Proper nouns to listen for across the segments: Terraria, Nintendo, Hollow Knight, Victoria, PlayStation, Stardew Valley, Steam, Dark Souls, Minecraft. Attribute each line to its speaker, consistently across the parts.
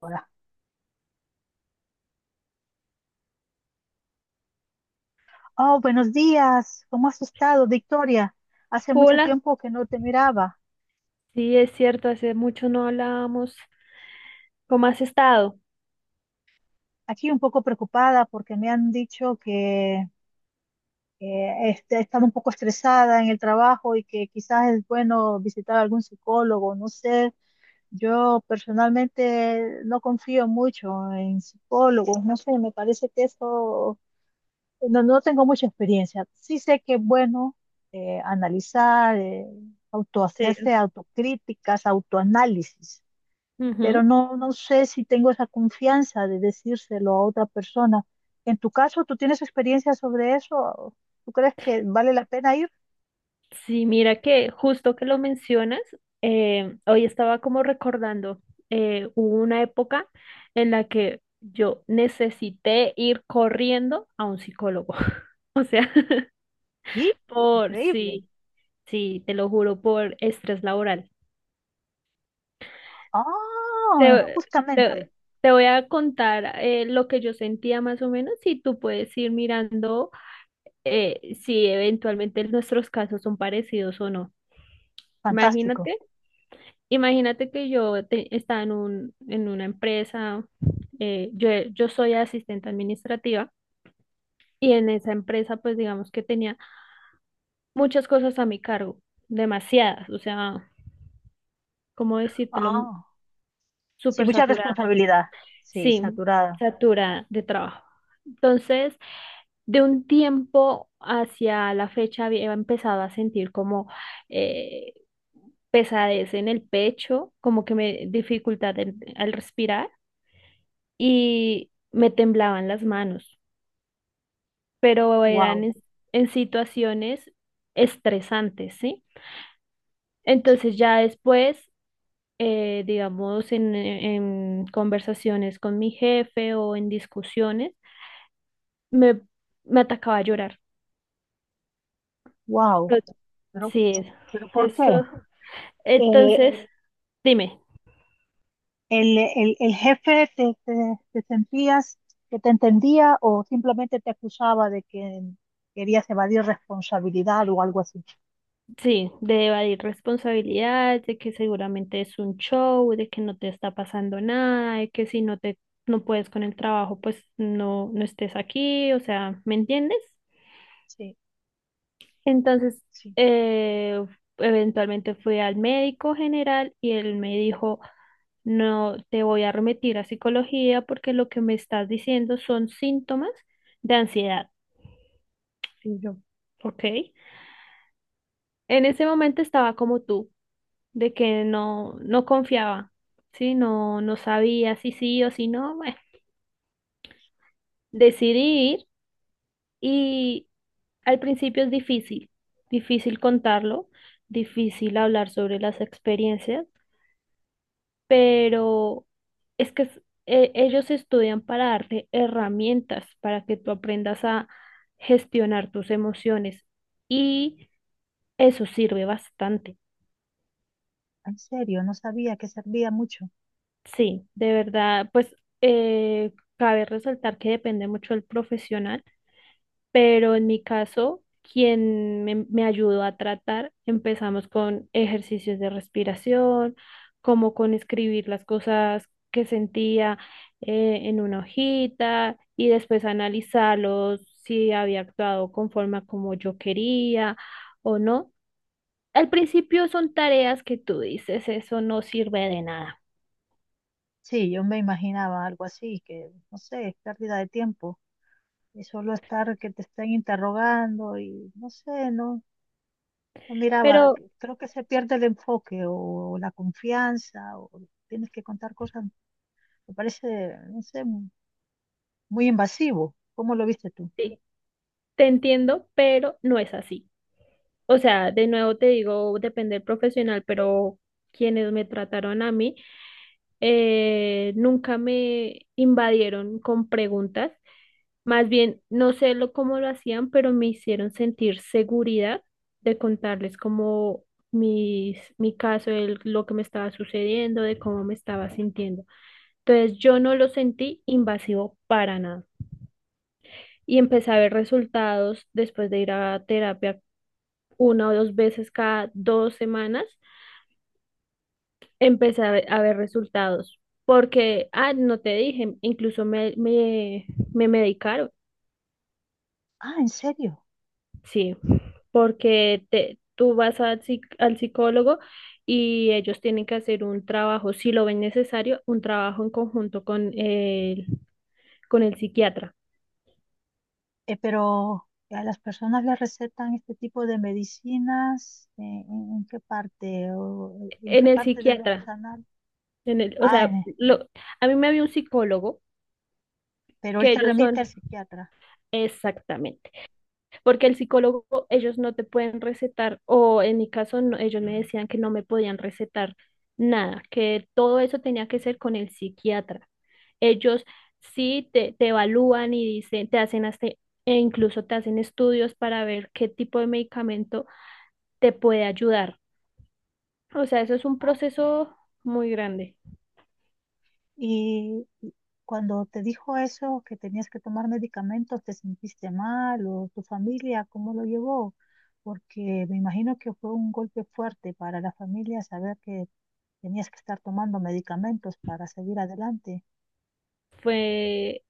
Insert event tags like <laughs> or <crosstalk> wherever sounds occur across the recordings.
Speaker 1: Hola. Oh, buenos días. ¿Cómo has estado, Victoria? Hace mucho
Speaker 2: Hola,
Speaker 1: tiempo que no te miraba.
Speaker 2: sí, es cierto, hace mucho no hablábamos. ¿Cómo has estado?
Speaker 1: Aquí un poco preocupada porque me han dicho que he estado un poco estresada en el trabajo y que quizás es bueno visitar a algún psicólogo. No sé, yo personalmente no confío mucho en psicólogos. No sé, me parece que eso. No, no tengo mucha experiencia. Sí sé que es bueno analizar,
Speaker 2: Sí.
Speaker 1: autohacerse autocríticas, autoanálisis, pero
Speaker 2: Ujú.
Speaker 1: no, no sé si tengo esa confianza de decírselo a otra persona. En tu caso, ¿tú tienes experiencia sobre eso? ¿Tú crees que vale la pena ir?
Speaker 2: Sí, mira que justo que lo mencionas, hoy estaba como recordando, hubo una época en la que yo necesité ir corriendo a un psicólogo. <laughs> O sea, <laughs>
Speaker 1: Sí, increíble.
Speaker 2: sí, sí, te lo juro, por estrés laboral.
Speaker 1: Ah,
Speaker 2: Te,
Speaker 1: justamente,
Speaker 2: te- Te voy a contar lo que yo sentía más o menos y tú puedes ir mirando, si eventualmente nuestros casos son parecidos o no.
Speaker 1: fantástico.
Speaker 2: Imagínate, estaba en en una empresa, yo soy asistente administrativa y en esa empresa pues digamos que tenía muchas cosas a mi cargo, demasiadas, o sea, ¿cómo decírtelo?
Speaker 1: Ah, sí,
Speaker 2: Súper.
Speaker 1: mucha responsabilidad. Sí,
Speaker 2: Sí,
Speaker 1: saturada.
Speaker 2: saturada de trabajo. Entonces, de un tiempo hacia la fecha había empezado a sentir como, eh, pesadez en el pecho, como que me dificultad al respirar y me temblaban las manos, pero eran
Speaker 1: Wow,
Speaker 2: en situaciones estresantes, ¿sí? Entonces ya después, digamos, en conversaciones con mi jefe o en discusiones, me, me atacaba a llorar.
Speaker 1: wow.
Speaker 2: Pero-
Speaker 1: Pero,
Speaker 2: Sí,
Speaker 1: pero ¿por
Speaker 2: eso.
Speaker 1: qué? Eh,
Speaker 2: Entonces, dime,
Speaker 1: el jefe, te sentías que te entendía o simplemente te acusaba de que querías evadir responsabilidad o algo así.
Speaker 2: sí, de evadir responsabilidad, de que seguramente es un show, de que no te está pasando nada, de que no puedes con el trabajo, pues no, no estés aquí, o sea, ¿me entiendes?
Speaker 1: Sí,
Speaker 2: Entonces,
Speaker 1: sí.
Speaker 2: eh, eventualmente fui al médico general y él me dijo, no te voy a remitir a psicología porque lo que me estás diciendo son síntomas de ansiedad. Y yo, ok. En ese momento estaba como tú, de que no, no confiaba, ¿sí? No, no sabía si sí o si no. Bueno, decidí ir y al principio es difícil, difícil contarlo, difícil hablar sobre las experiencias, pero es que ellos estudian para darte herramientas para que tú aprendas a gestionar tus emociones y eso sirve bastante.
Speaker 1: En serio, no sabía que servía mucho.
Speaker 2: Sí, de verdad, pues eh, cabe resaltar que depende mucho del profesional, pero en mi caso, quien me ayudó a tratar, empezamos con ejercicios de respiración, como con escribir las cosas que sentía, en una hojita y después analizarlos si había actuado conforme a como yo quería o no. Al principio son tareas que tú dices, eso no sirve de nada,
Speaker 1: Sí, yo me imaginaba algo así, que no sé, es pérdida de tiempo. Y solo estar que te estén interrogando y no sé, no, no miraba.
Speaker 2: pero
Speaker 1: Creo que se pierde el enfoque, o la confianza, o tienes que contar cosas. Me parece, no sé, muy invasivo. ¿Cómo lo viste tú?
Speaker 2: sí, te entiendo, pero no es así. O sea, de nuevo te digo, depende del profesional, pero quienes me trataron a mí, nunca me invadieron con preguntas. Más bien, no sé lo, cómo lo hacían, pero me hicieron sentir seguridad de contarles como mi caso, lo que me estaba sucediendo, de cómo me estaba sintiendo. Entonces, yo no lo sentí invasivo para nada. Y empecé a ver resultados después de ir a terapia una o dos veces cada dos semanas. Empecé a a ver resultados. Porque, ah, no te dije, incluso me medicaron,
Speaker 1: Ah, ¿en serio?
Speaker 2: sí, porque tú vas al, al psicólogo y ellos tienen que hacer un trabajo, si lo ven necesario, un trabajo en conjunto con con el psiquiatra.
Speaker 1: Pero ¿a las personas les recetan este tipo de medicinas? ¿En qué parte? ¿O en
Speaker 2: En
Speaker 1: qué
Speaker 2: el
Speaker 1: parte de los
Speaker 2: psiquiatra,
Speaker 1: anales?
Speaker 2: en el, o
Speaker 1: Ah,
Speaker 2: sea, lo, a mí me había un psicólogo
Speaker 1: pero él
Speaker 2: que
Speaker 1: te
Speaker 2: ellos
Speaker 1: remite al
Speaker 2: son,
Speaker 1: psiquiatra.
Speaker 2: exactamente. Porque el psicólogo, ellos no te pueden recetar, o en mi caso, ellos me decían que no me podían recetar nada, que todo eso tenía que ser con el psiquiatra. Ellos sí te evalúan y dicen, te hacen hasta, e incluso te hacen estudios para ver qué tipo de medicamento te puede ayudar. O sea, eso es un
Speaker 1: Ah,
Speaker 2: proceso muy grande.
Speaker 1: y cuando te dijo eso, que tenías que tomar medicamentos, ¿te sentiste mal? ¿O tu familia cómo lo llevó? Porque me imagino que fue un golpe fuerte para la familia saber que tenías que estar tomando medicamentos para seguir adelante.
Speaker 2: Fue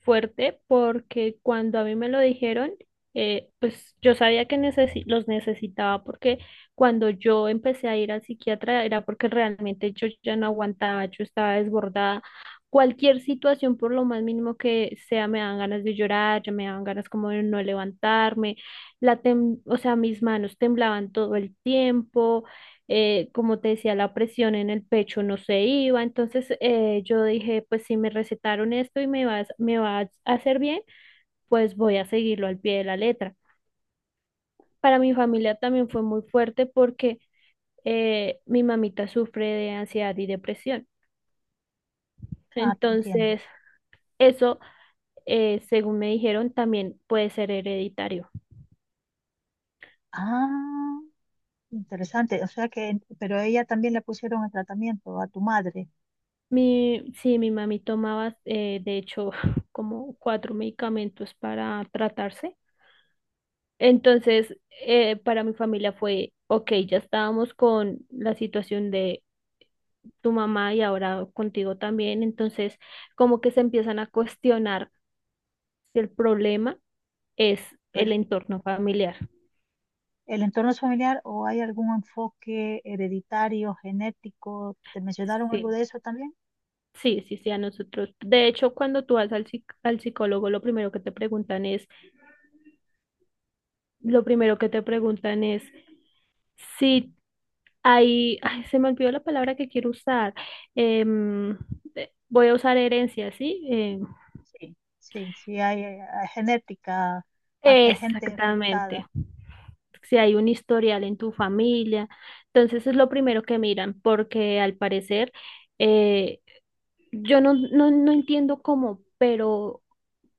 Speaker 2: fuerte porque cuando a mí me lo dijeron, pues yo sabía que los necesitaba porque cuando yo empecé a ir al psiquiatra era porque realmente yo ya no aguantaba, yo estaba desbordada. Cualquier situación, por lo más mínimo que sea, me dan ganas de llorar, ya me dan ganas como de no levantarme, o sea, mis manos temblaban todo el tiempo, como te decía, la presión en el pecho no se iba, entonces yo dije, pues si me recetaron esto y me va a hacer bien, pues voy a seguirlo al pie de la letra. Para mi familia también fue muy fuerte porque, mi mamita sufre de ansiedad y depresión,
Speaker 1: Ah, te entiendo.
Speaker 2: entonces eso, según me dijeron, también puede ser hereditario.
Speaker 1: Ah, interesante. O sea que, pero a ella también le pusieron el tratamiento a tu madre.
Speaker 2: Sí, mi mami tomaba, de hecho, <laughs> como cuatro medicamentos para tratarse. Entonces, para mi familia fue, ok, ya estábamos con la situación de tu mamá y ahora contigo también, entonces como que se empiezan a cuestionar si el problema es
Speaker 1: Pero,
Speaker 2: el entorno familiar.
Speaker 1: ¿el entorno es familiar o hay algún enfoque hereditario, genético? ¿Te mencionaron
Speaker 2: Sí,
Speaker 1: algo de eso también?
Speaker 2: sí, sí, sí, a nosotros. De hecho, cuando tú vas al, al psicólogo, lo primero que te preguntan es si hay, ay, se me olvidó la palabra que quiero usar. em, voy a usar herencia, ¿sí? Em,
Speaker 1: Sí, sí, sí, hay, genética, gente
Speaker 2: exactamente.
Speaker 1: afectada.
Speaker 2: Si hay un historial en tu familia, entonces es lo primero que miran, porque al parecer, eh, yo no entiendo cómo, pero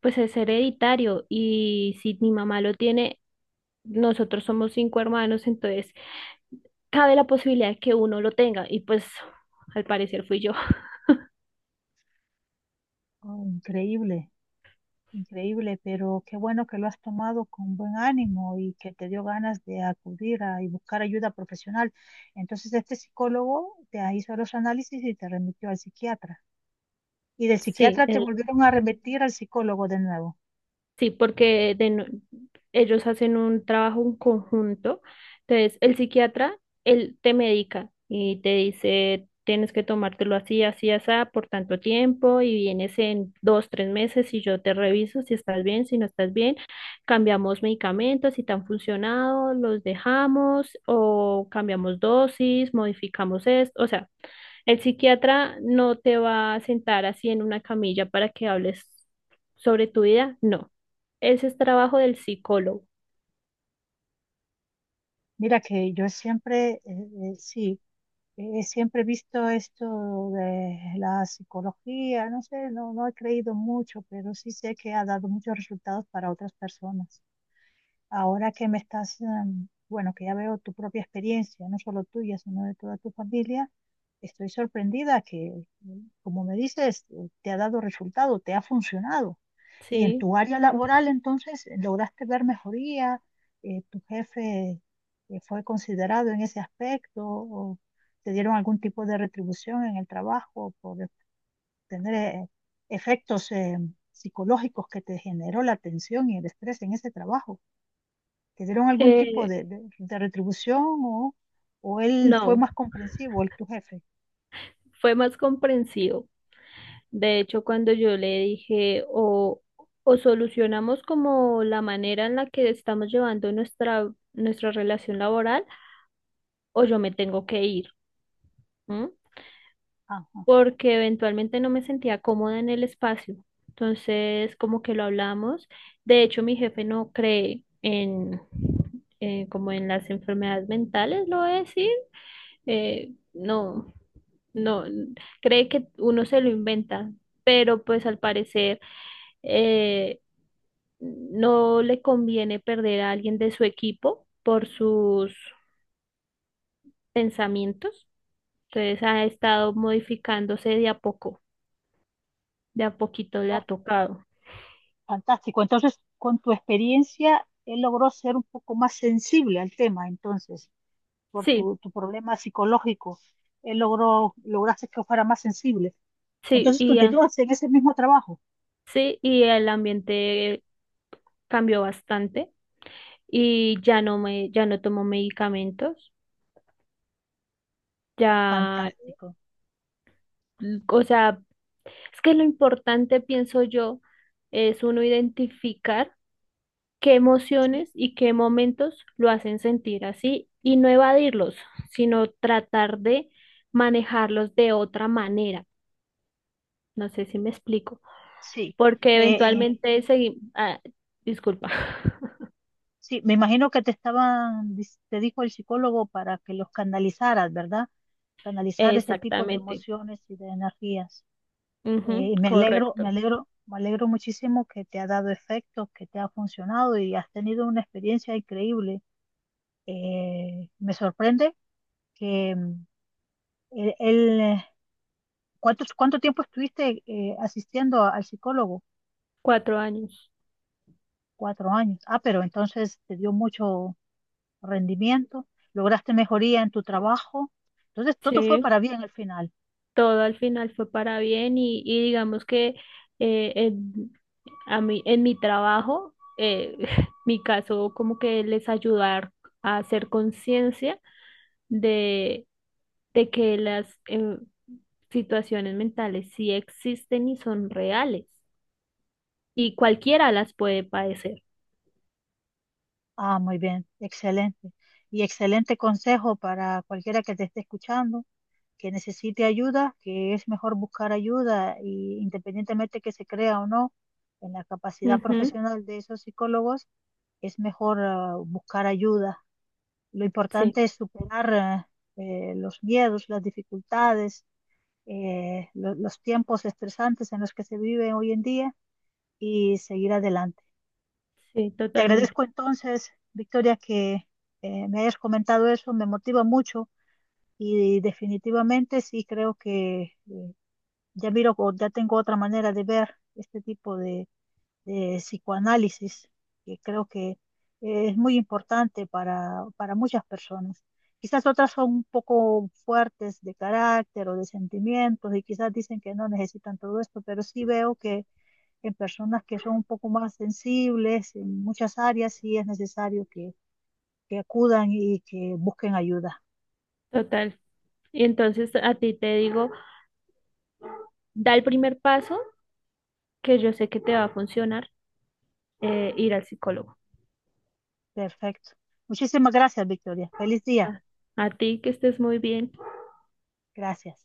Speaker 2: pues es hereditario y si mi mamá lo tiene, nosotros somos cinco hermanos, entonces cabe la posibilidad de que uno lo tenga y pues al parecer fui yo. <laughs>
Speaker 1: Oh, increíble. Increíble, pero qué bueno que lo has tomado con buen ánimo y que te dio ganas de acudir a, y buscar ayuda profesional. Entonces, este psicólogo hizo los análisis y te remitió al psiquiatra. Y del
Speaker 2: Sí,
Speaker 1: psiquiatra te volvieron a remitir al psicólogo de nuevo.
Speaker 2: sí, porque de no- ellos hacen un trabajo en conjunto. Entonces, el psiquiatra, él te medica y te dice, tienes que tomártelo así, así, así, por tanto tiempo y vienes en dos, tres meses y yo te reviso si estás bien, si no estás bien. Cambiamos medicamentos, si te han funcionado, los dejamos o cambiamos dosis, modificamos esto. O sea, el psiquiatra no te va a sentar así en una camilla para que hables sobre tu vida, no. Ese es trabajo del psicólogo,
Speaker 1: Mira que yo siempre, sí, siempre he visto esto de la psicología, no sé, no, no he creído mucho, pero sí sé que ha dado muchos resultados para otras personas. Ahora que me estás, bueno, que ya veo tu propia experiencia, no solo tuya, sino de toda tu familia, estoy sorprendida que, como me dices, te ha dado resultado, te ha funcionado. Y en
Speaker 2: ¿sí?
Speaker 1: tu área laboral, entonces, lograste ver mejoría. Tu jefe, ¿fue considerado en ese aspecto, o te dieron algún tipo de retribución en el trabajo por tener efectos psicológicos que te generó la tensión y el estrés en ese trabajo? ¿Te dieron algún tipo
Speaker 2: Eh,
Speaker 1: de retribución, o él fue
Speaker 2: no,
Speaker 1: más comprensivo, el tu jefe?
Speaker 2: fue más comprensivo. De hecho, cuando yo le dije, o solucionamos como la manera en la que estamos llevando nuestra relación laboral, o yo me tengo que ir, ¿m?
Speaker 1: Ajá.
Speaker 2: Porque eventualmente no me sentía cómoda en el espacio. Entonces, como que lo hablamos. De hecho, mi jefe no cree en, como en las enfermedades mentales, lo voy a decir, no, no, n- cree que uno se lo inventa, pero pues al parecer, eh, no le conviene perder a alguien de su equipo por sus pensamientos, entonces ha estado modificándose de a poco, de a poquito le ha
Speaker 1: Ah,
Speaker 2: tocado.
Speaker 1: fantástico. Entonces, con tu experiencia, él logró ser un poco más sensible al tema, entonces, por
Speaker 2: Sí,
Speaker 1: tu problema psicológico, lograste que fuera más sensible.
Speaker 2: sí,
Speaker 1: Entonces,
Speaker 2: y, ah,
Speaker 1: continúas en ese mismo trabajo.
Speaker 2: sí, y el ambiente cambió bastante y ya no me, ya no tomo medicamentos, ya,
Speaker 1: Fantástico.
Speaker 2: o sea, es que lo importante, pienso yo, es uno identificar qué
Speaker 1: Sí,
Speaker 2: emociones y qué momentos lo hacen sentir así y no evadirlos, sino tratar de manejarlos de otra manera. No sé si me explico,
Speaker 1: sí.
Speaker 2: porque
Speaker 1: Eh, eh,
Speaker 2: eventualmente seguimos... Ah, disculpa. <laughs>
Speaker 1: Sí, me imagino que te dijo el psicólogo para que los canalizaras, ¿verdad? Canalizar ese tipo de
Speaker 2: Exactamente.
Speaker 1: emociones y de energías.
Speaker 2: Ujú,
Speaker 1: Y me alegro, me
Speaker 2: correcto.
Speaker 1: alegro, me alegro muchísimo que te ha dado efecto, que te ha funcionado y has tenido una experiencia increíble. Me sorprende que el, el, eh, ¿cuánto tiempo estuviste asistiendo al psicólogo?
Speaker 2: Cuatro años.
Speaker 1: 4 años. Ah, pero entonces te dio mucho rendimiento, lograste mejoría en tu trabajo. Entonces, todo fue
Speaker 2: Sí,
Speaker 1: para bien al final.
Speaker 2: todo al final fue para bien y digamos que, eh, en, a mí, en mi trabajo, <laughs> mi caso como que les ayudar a hacer conciencia de, de que las situaciones mentales sí existen y son reales y cualquiera las puede padecer.
Speaker 1: Ah, muy bien, excelente. Y excelente consejo para cualquiera que te esté escuchando, que necesite ayuda, que es mejor buscar ayuda, y independientemente que se crea o no en la capacidad
Speaker 2: Ujú,
Speaker 1: profesional de esos psicólogos, es mejor, buscar ayuda. Lo
Speaker 2: sí,
Speaker 1: importante es superar los miedos, las dificultades, los tiempos estresantes en los que se vive hoy en día y seguir adelante.
Speaker 2: sí,
Speaker 1: Te
Speaker 2: totalmente,
Speaker 1: agradezco entonces, Victoria, que me hayas comentado eso, me motiva mucho, y definitivamente sí creo que ya miro, o ya tengo otra manera de ver este tipo de psicoanálisis, que creo que es muy importante para muchas personas. Quizás otras son un poco fuertes de carácter o de sentimientos y quizás dicen que no necesitan todo esto, pero sí veo que en personas que son un poco más sensibles, en muchas áreas sí es necesario que acudan y que busquen ayuda.
Speaker 2: total. Y entonces a ti te digo, da el primer paso que yo sé que te va a funcionar, ir al psicólogo.
Speaker 1: Perfecto. Muchísimas gracias, Victoria. Feliz día.
Speaker 2: A, a ti que estés muy bien.
Speaker 1: Gracias.